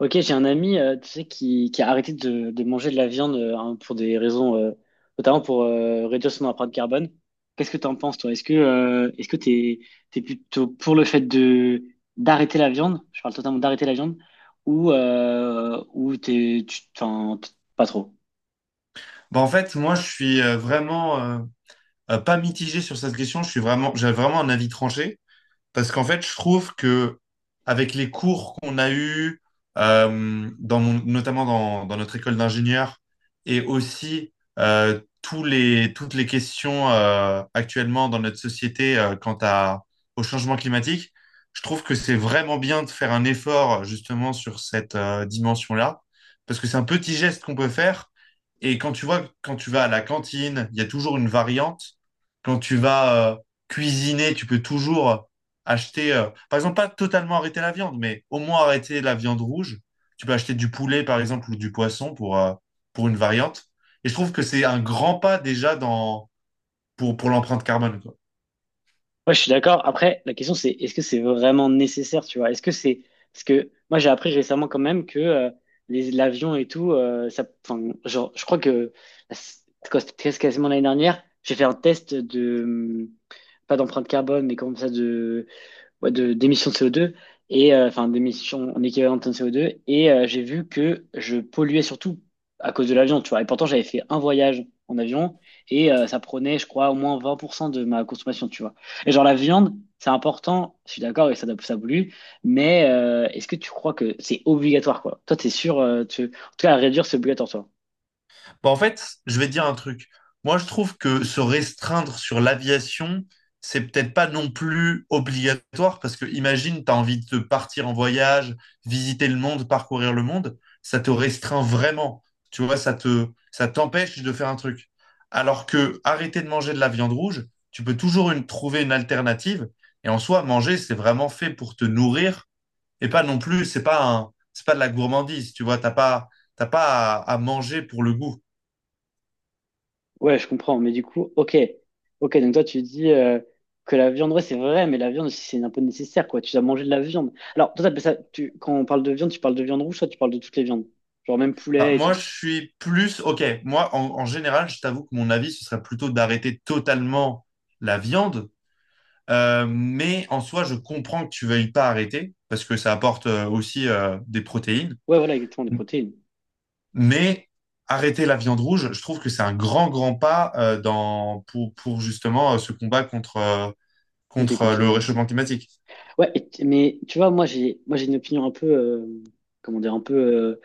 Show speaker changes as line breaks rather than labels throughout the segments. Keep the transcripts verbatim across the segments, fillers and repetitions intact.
Ok, j'ai un ami, euh, tu sais, qui, qui a arrêté de, de manger de la viande euh, hein, pour des raisons, euh, notamment pour euh, réduire son empreinte carbone. Qu'est-ce que t'en penses, toi? Est-ce que euh, est-ce que t'es t'es plutôt pour le fait de d'arrêter la viande? Je parle totalement d'arrêter la viande, ou euh, ou t'es tu t'en- pas trop?
Bah, en fait, moi, je suis euh, vraiment euh, euh, pas mitigé sur cette question. Je suis vraiment, j'ai vraiment un avis tranché. Parce qu'en fait, je trouve que avec les cours qu'on a eus, euh, dans mon- notamment dans, dans notre école d'ingénieur, et aussi euh, tous les, toutes les questions euh, actuellement dans notre société euh, quant à, au changement climatique, je trouve que c'est vraiment bien de faire un effort justement sur cette euh, dimension-là, parce que c'est un petit geste qu'on peut faire. Et quand tu vois, quand tu vas à la cantine, il y a toujours une variante. Quand tu vas euh, cuisiner, tu peux toujours acheter, euh, par exemple, pas totalement arrêter la viande, mais au moins arrêter la viande rouge. Tu peux acheter du poulet, par exemple, ou du poisson pour, euh, pour une variante. Et je trouve que c'est un grand pas déjà dans, pour, pour l'empreinte carbone, quoi.
Ouais, je suis d'accord. Après, la question c'est est-ce que c'est vraiment nécessaire, tu vois? Est-ce que c'est parce que moi j'ai appris récemment quand même que euh, les l'avion et tout, euh, ça, enfin, genre, je crois que c'est quoi, c'était quasiment l'année dernière, j'ai fait un test de hum, pas d'empreinte carbone, mais comme ça de ouais, de, d'émissions de C O deux, et, euh, enfin d'émissions en équivalent de tonnes de C O deux, et euh, j'ai vu que je polluais surtout à cause de l'avion, tu vois. Et pourtant, j'avais fait un voyage en avion, et euh, ça prenait, je crois, au moins vingt pour cent de ma consommation, tu vois. Et genre la viande, c'est important, je suis d'accord, et ça, ça pollue, mais euh, est-ce que tu crois que c'est obligatoire, quoi? Toi, t'es sûr, euh, tu... en tout cas, à réduire, c'est obligatoire, toi.
Bah, en fait, je vais te dire un truc. Moi, je trouve que se restreindre sur l'aviation, c'est peut-être pas non plus obligatoire parce que imagine, tu as envie de partir en voyage, visiter le monde, parcourir le monde, ça te restreint vraiment. Tu vois, ça te, ça t'empêche de faire un truc. Alors que arrêter de manger de la viande rouge, tu peux toujours une- trouver une alternative. Et en soi, manger, c'est vraiment fait pour te nourrir et pas non plus, c'est pas un, c'est pas de la gourmandise. Tu vois, t'as pas, t'as pas à à manger pour le goût.
Ouais, je comprends, mais du coup, ok. Ok, donc toi, tu dis euh, que la viande, ouais, c'est vrai, mais la viande aussi, c'est un peu nécessaire, quoi. Tu dois manger de la viande. Alors, toi, t'appelles ça, tu, quand on parle de viande, tu parles de viande rouge, toi, tu parles de toutes les viandes. Genre même
Ah,
poulet et
moi,
tout.
je suis plus... Ok, moi, en, en général, je t'avoue que mon avis, ce serait plutôt d'arrêter totalement la viande. Euh, mais en soi, je comprends que tu veuilles pas arrêter, parce que ça apporte euh, aussi euh, des protéines.
Ouais, voilà, exactement, des protéines.
Mais arrêter la viande rouge, je trouve que c'est un grand, grand pas euh, dans, pour, pour justement euh, ce combat contre, euh,
Ok,
contre euh,
contre
le
les...
réchauffement climatique.
Ouais, et- mais tu vois, moi, j'ai moi, j'ai une opinion un peu, euh, comment dire, un peu euh,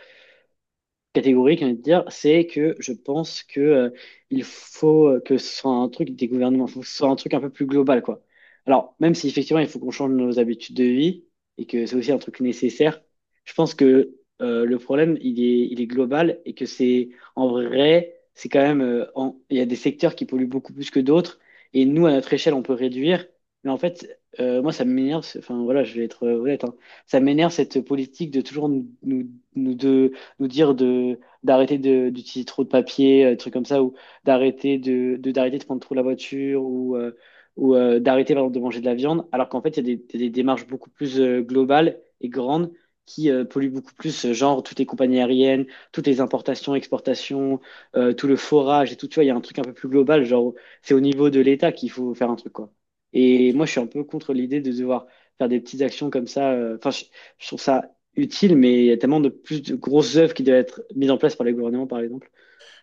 catégorique, j'ai envie de dire, c'est que je pense que euh, il faut euh, que ce soit un truc des gouvernements, faut que ce soit un truc un peu plus global, quoi. Alors, même si effectivement il faut qu'on change nos habitudes de vie et que c'est aussi un truc nécessaire, je pense que euh, le problème il est, il est global et que c'est en vrai, c'est quand même, euh, en- il y a des secteurs qui polluent beaucoup plus que d'autres et nous à notre échelle on peut réduire, mais en fait euh, moi ça m'énerve, c'est- enfin voilà, je vais être euh, honnête, hein. Ça m'énerve cette politique de toujours nous, nous, nous de nous dire de d'arrêter de- d'utiliser trop de papier, euh, trucs comme ça, ou d'arrêter de, de d'arrêter de prendre trop la voiture, ou euh, ou euh, d'arrêter par exemple de manger de la viande, alors qu'en fait il y a des, des des démarches beaucoup plus euh, globales et grandes qui euh, polluent beaucoup plus, euh, genre toutes les compagnies aériennes, toutes les importations, exportations, euh, tout le forage et tout, tu vois, il y a un truc un peu plus global, genre c'est au niveau de l'État qu'il faut faire un truc quoi. Et moi je suis un peu contre l'idée de devoir faire des petites actions comme ça. euh, Enfin, je, je trouve ça utile, mais il y a tellement de plus de grosses œuvres qui doivent être mises en place par les gouvernements, par exemple.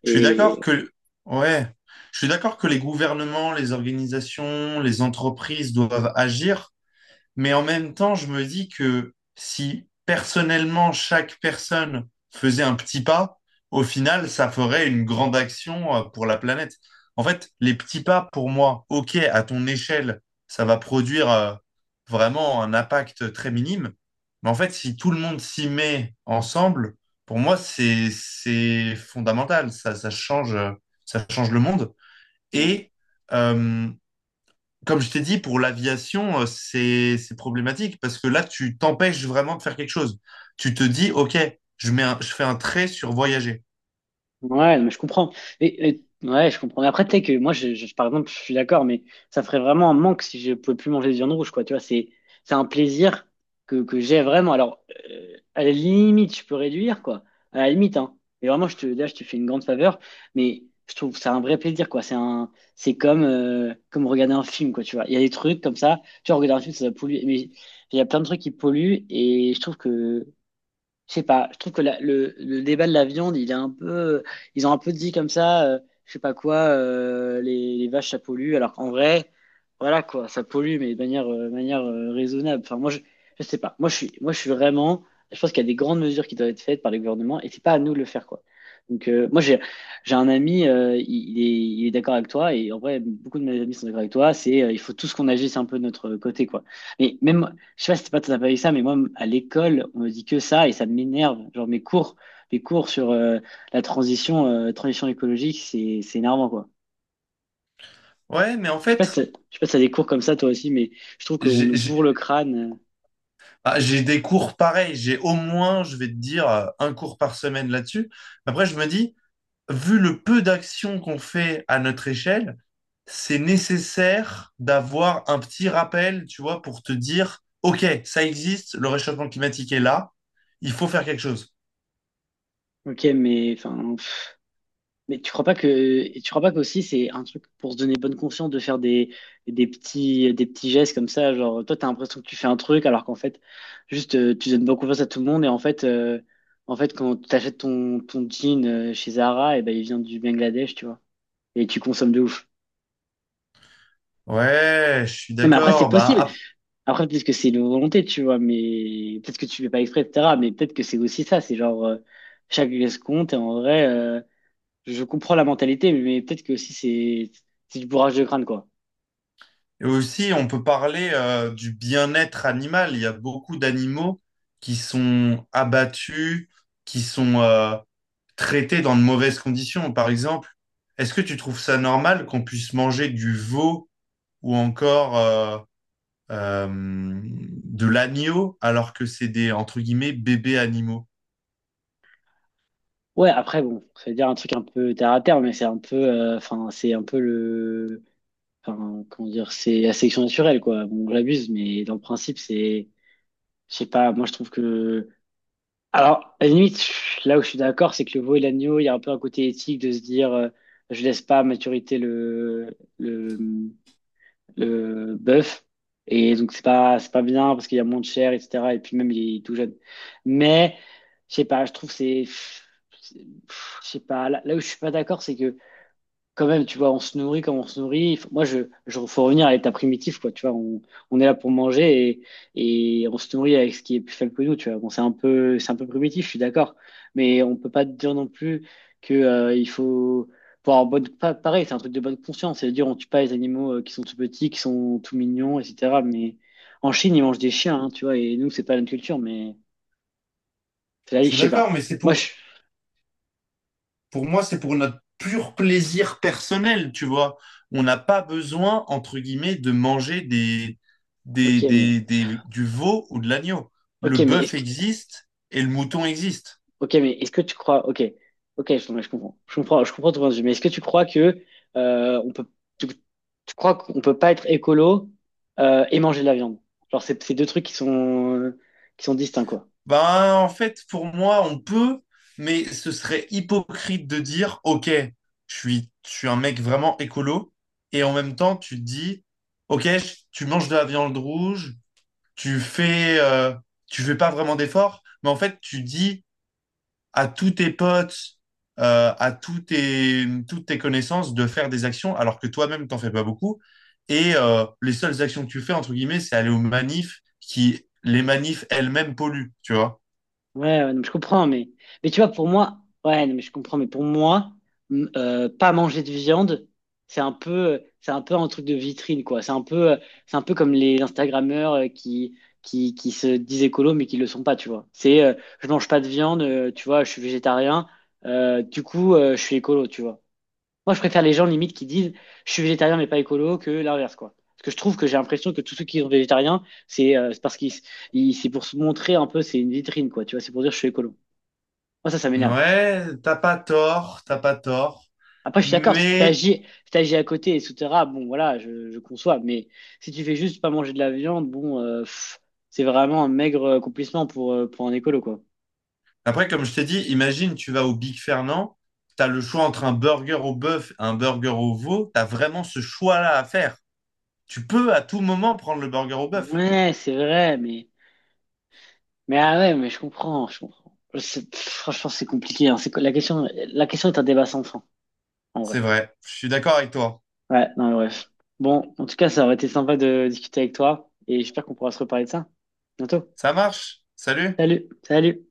Je suis d'accord
Et
que, ouais, je suis d'accord que les gouvernements, les organisations, les entreprises doivent agir, mais en même temps, je me dis que si personnellement chaque personne faisait un petit pas, au final, ça ferait une grande action euh, pour la planète. En fait, les petits pas, pour moi, ok, à ton échelle, ça va produire euh, vraiment un impact très minime. Mais en fait, si tout le monde s'y met ensemble, pour moi, c'est, c'est fondamental. Ça, ça change, euh, ça change le monde.
on,
Et euh, comme je t'ai dit, pour l'aviation, euh, c'est c'est problématique parce que là, tu t'empêches vraiment de faire quelque chose. Tu te dis, OK, je mets un- je fais un trait sur voyager.
Ouais, non, mais je comprends. Et, et- ouais, je comprends. Mais après, tu sais que moi, je, je- par exemple, je suis d'accord, mais ça ferait vraiment un manque si je pouvais plus manger de viande rouge, quoi. Tu vois, c'est, c'est un plaisir que, que j'ai vraiment. Alors, euh, à la limite, je peux réduire, quoi. À la limite, hein. Et vraiment, je te, là, je te fais une grande faveur, mais je trouve que c'est un vrai plaisir, quoi. C'est un, c'est comme, euh, comme regarder un film, quoi. Tu vois, il y a des trucs comme ça. Tu vois, regarder un film, ça va polluer. Mais il y a plein de trucs qui polluent, et je trouve que je sais pas, je trouve que la- le, le débat de la viande, il est un peu. Ils ont un peu dit comme ça, euh, je sais pas quoi, euh, les, les vaches, ça pollue. Alors qu'en vrai, voilà quoi, ça pollue, mais de manière, euh, de manière euh, raisonnable. Enfin, moi, je, je sais pas. Moi, je suis, moi, je suis vraiment. Je pense qu'il y a des grandes mesures qui doivent être faites par les gouvernements et c'est pas à nous de le faire quoi. Donc, euh, moi, j'ai, j'ai un ami, euh, il, il est, il est d'accord avec toi et en vrai, beaucoup de mes amis sont d'accord avec toi. C'est, euh, il faut tous qu'on agisse un peu de notre côté quoi. Mais même, je sais pas si c'est pas tout à fait ça, mais moi, à l'école, on me dit que ça et ça m'énerve. Genre mes cours, mes cours sur euh, la transition, euh, transition écologique, c'est c'est énervant quoi.
Ouais, mais en
Je sais pas si
fait,
t'as, je sais pas si t'as des cours comme ça toi aussi, mais je trouve qu'on
j'ai
nous
j'ai-
bourre le crâne.
ah, j'ai des cours pareils. J'ai au moins, je vais te dire, euh, un cours par semaine là-dessus. Après, je me dis, vu le peu d'actions qu'on fait à notre échelle, c'est nécessaire d'avoir un petit rappel, tu vois, pour te dire, OK, ça existe, le réchauffement climatique est là, il faut faire quelque chose.
euh, Ok, mais enfin. Mais tu crois pas que et tu crois pas qu'aussi c'est un truc pour se donner bonne conscience de faire des, des petits des petits gestes comme ça, genre toi t'as l'impression que tu fais un truc alors qu'en fait juste euh, tu donnes bonne confiance à tout le monde et en fait euh, en fait quand tu achètes ton ton jean euh, chez Zara et ben il vient du Bangladesh, tu vois. Et tu consommes de ouf.
Ouais, je suis
Non mais après c'est
d'accord. Bah,
possible.
ap-
Après peut-être que c'est une volonté, tu vois, mais peut-être que tu fais pas exprès, et cetera. Mais peut-être que c'est aussi ça, c'est genre euh, chaque geste compte et en vrai euh, Je comprends la mentalité, mais peut-être que aussi c'est c'est du bourrage de crâne, quoi.
et aussi, on peut parler euh, du bien-être animal. Il y a beaucoup d'animaux qui sont abattus, qui sont euh, traités dans de mauvaises conditions. Par exemple, est-ce que tu trouves ça normal qu'on puisse manger du veau ou encore euh, euh, de l'agneau alors que c'est des, entre guillemets, bébés animaux?
Ouais, après, bon, ça veut dire un truc un peu terre à terre, mais c'est un peu, euh, enfin, c'est un peu le, enfin, comment dire, c'est la sélection naturelle, quoi. Bon, j'abuse, mais dans le principe, c'est, je sais pas, moi je trouve que, alors, à la limite, je- là où je suis d'accord, c'est que le veau et l'agneau, il y a un peu un côté éthique de se dire, euh, je laisse pas à maturité le, le, le bœuf. Et donc, c'est pas, c'est pas bien parce qu'il y a moins de chair, et cetera. Et puis même, il est tout jeune. Mais, je sais pas, je trouve que c'est. c'est- Je sais pas, là, là où je suis pas d'accord, c'est que quand même, tu vois, on se nourrit comme on se nourrit. Faut- Moi, je, je, faut revenir à l'état primitif, quoi. Tu vois, on, on est là pour manger et, et on se nourrit avec ce qui est plus faible que nous, tu vois. Bon, c'est un peu, c'est un peu primitif, je suis d'accord. Mais on peut pas dire non plus que, euh, il faut, pour avoir bonne, pa- pareil, c'est un truc de bonne conscience. C'est-à-dire, on tue pas les animaux euh, qui sont tout petits, qui sont tout mignons, et cetera. Mais en Chine, ils mangent des chiens, hein, tu vois. Et nous, c'est pas notre culture, mais c'est
Je
la, je
suis
sais pas.
d'accord, mais c'est
Moi, je,
pour, Pour moi, c'est pour notre pur plaisir personnel, tu vois. On n'a pas besoin, entre guillemets, de manger des, des,
ok, mais,
des, des- du veau ou de l'agneau. Le
ok, mais
bœuf
est-ce
existe et le mouton existe.
Ok, mais est-ce que tu crois, ok, ok, je, non, je comprends, je comprends, je comprends ton point de vue, mais est-ce que tu crois que euh, on peut, tu, tu crois qu'on peut pas être écolo euh, et manger de la viande? Genre, c'est c'est deux trucs qui sont qui sont distincts, quoi.
Ben, en fait, pour moi, on peut, mais ce serait hypocrite de dire, OK, je suis, je suis un mec vraiment écolo, et en même temps, tu te dis, OK, je- tu manges de la viande rouge, tu fais, euh, tu fais pas vraiment d'efforts, mais en fait, tu dis à tous tes potes, euh, à tous tes, toutes tes connaissances de faire des actions alors que toi-même, t'en fais pas beaucoup. Et euh, les seules actions que tu fais, entre guillemets, c'est aller aux manifs qui, les manifs elles-mêmes polluent, tu vois.
Ouais, ouais, non, mais je comprends, mais, mais tu vois, pour moi, ouais, non, mais je comprends, mais pour moi, m- euh, pas manger de viande, c'est un peu, c'est un peu un truc de vitrine, quoi. C'est un peu, euh, c'est un peu comme les Instagrammeurs euh, qui, qui, qui se disent écolo, mais qui le sont pas, tu vois. C'est, euh, je mange pas de viande, euh, tu vois, je suis végétarien, euh, du coup, euh, je suis écolo, tu vois. Moi, je préfère les gens limite qui disent je suis végétarien mais pas écolo que l'inverse, quoi. Parce que je trouve que j'ai l'impression que tous ceux qui sont végétariens, c'est euh, c'est parce qu'ils ils- c'est pour se montrer un peu, c'est une vitrine, quoi. Tu vois, c'est pour dire je suis écolo. Moi, ça, ça m'énerve.
Ouais, t'as pas tort, t'as pas tort.
Après, je suis d'accord, si
Mais
t'agis, si t'agis à côté, et etc., bon, voilà, je, je conçois. Mais si tu fais juste pas manger de la viande, bon, euh, pff, c'est vraiment un maigre accomplissement pour, euh, pour un écolo, quoi.
après, comme je t'ai dit, imagine, tu vas au Big Fernand, t'as le choix entre un burger au bœuf et un burger au veau, t'as vraiment ce choix-là à faire. Tu peux à tout moment prendre le burger au bœuf.
Ouais, c'est vrai, mais, mais ah ouais, mais je comprends, je comprends. C'est- pff, franchement, c'est compliqué, hein. C'est, que la question, la question est un débat sans fin, en
C'est
vrai.
vrai, je suis d'accord avec toi.
Ouais, non, mais bref. Bon, en tout cas, ça aurait été sympa de discuter avec toi et j'espère qu'on pourra se reparler de ça. Bientôt.
Ça marche. Salut.
Salut, salut.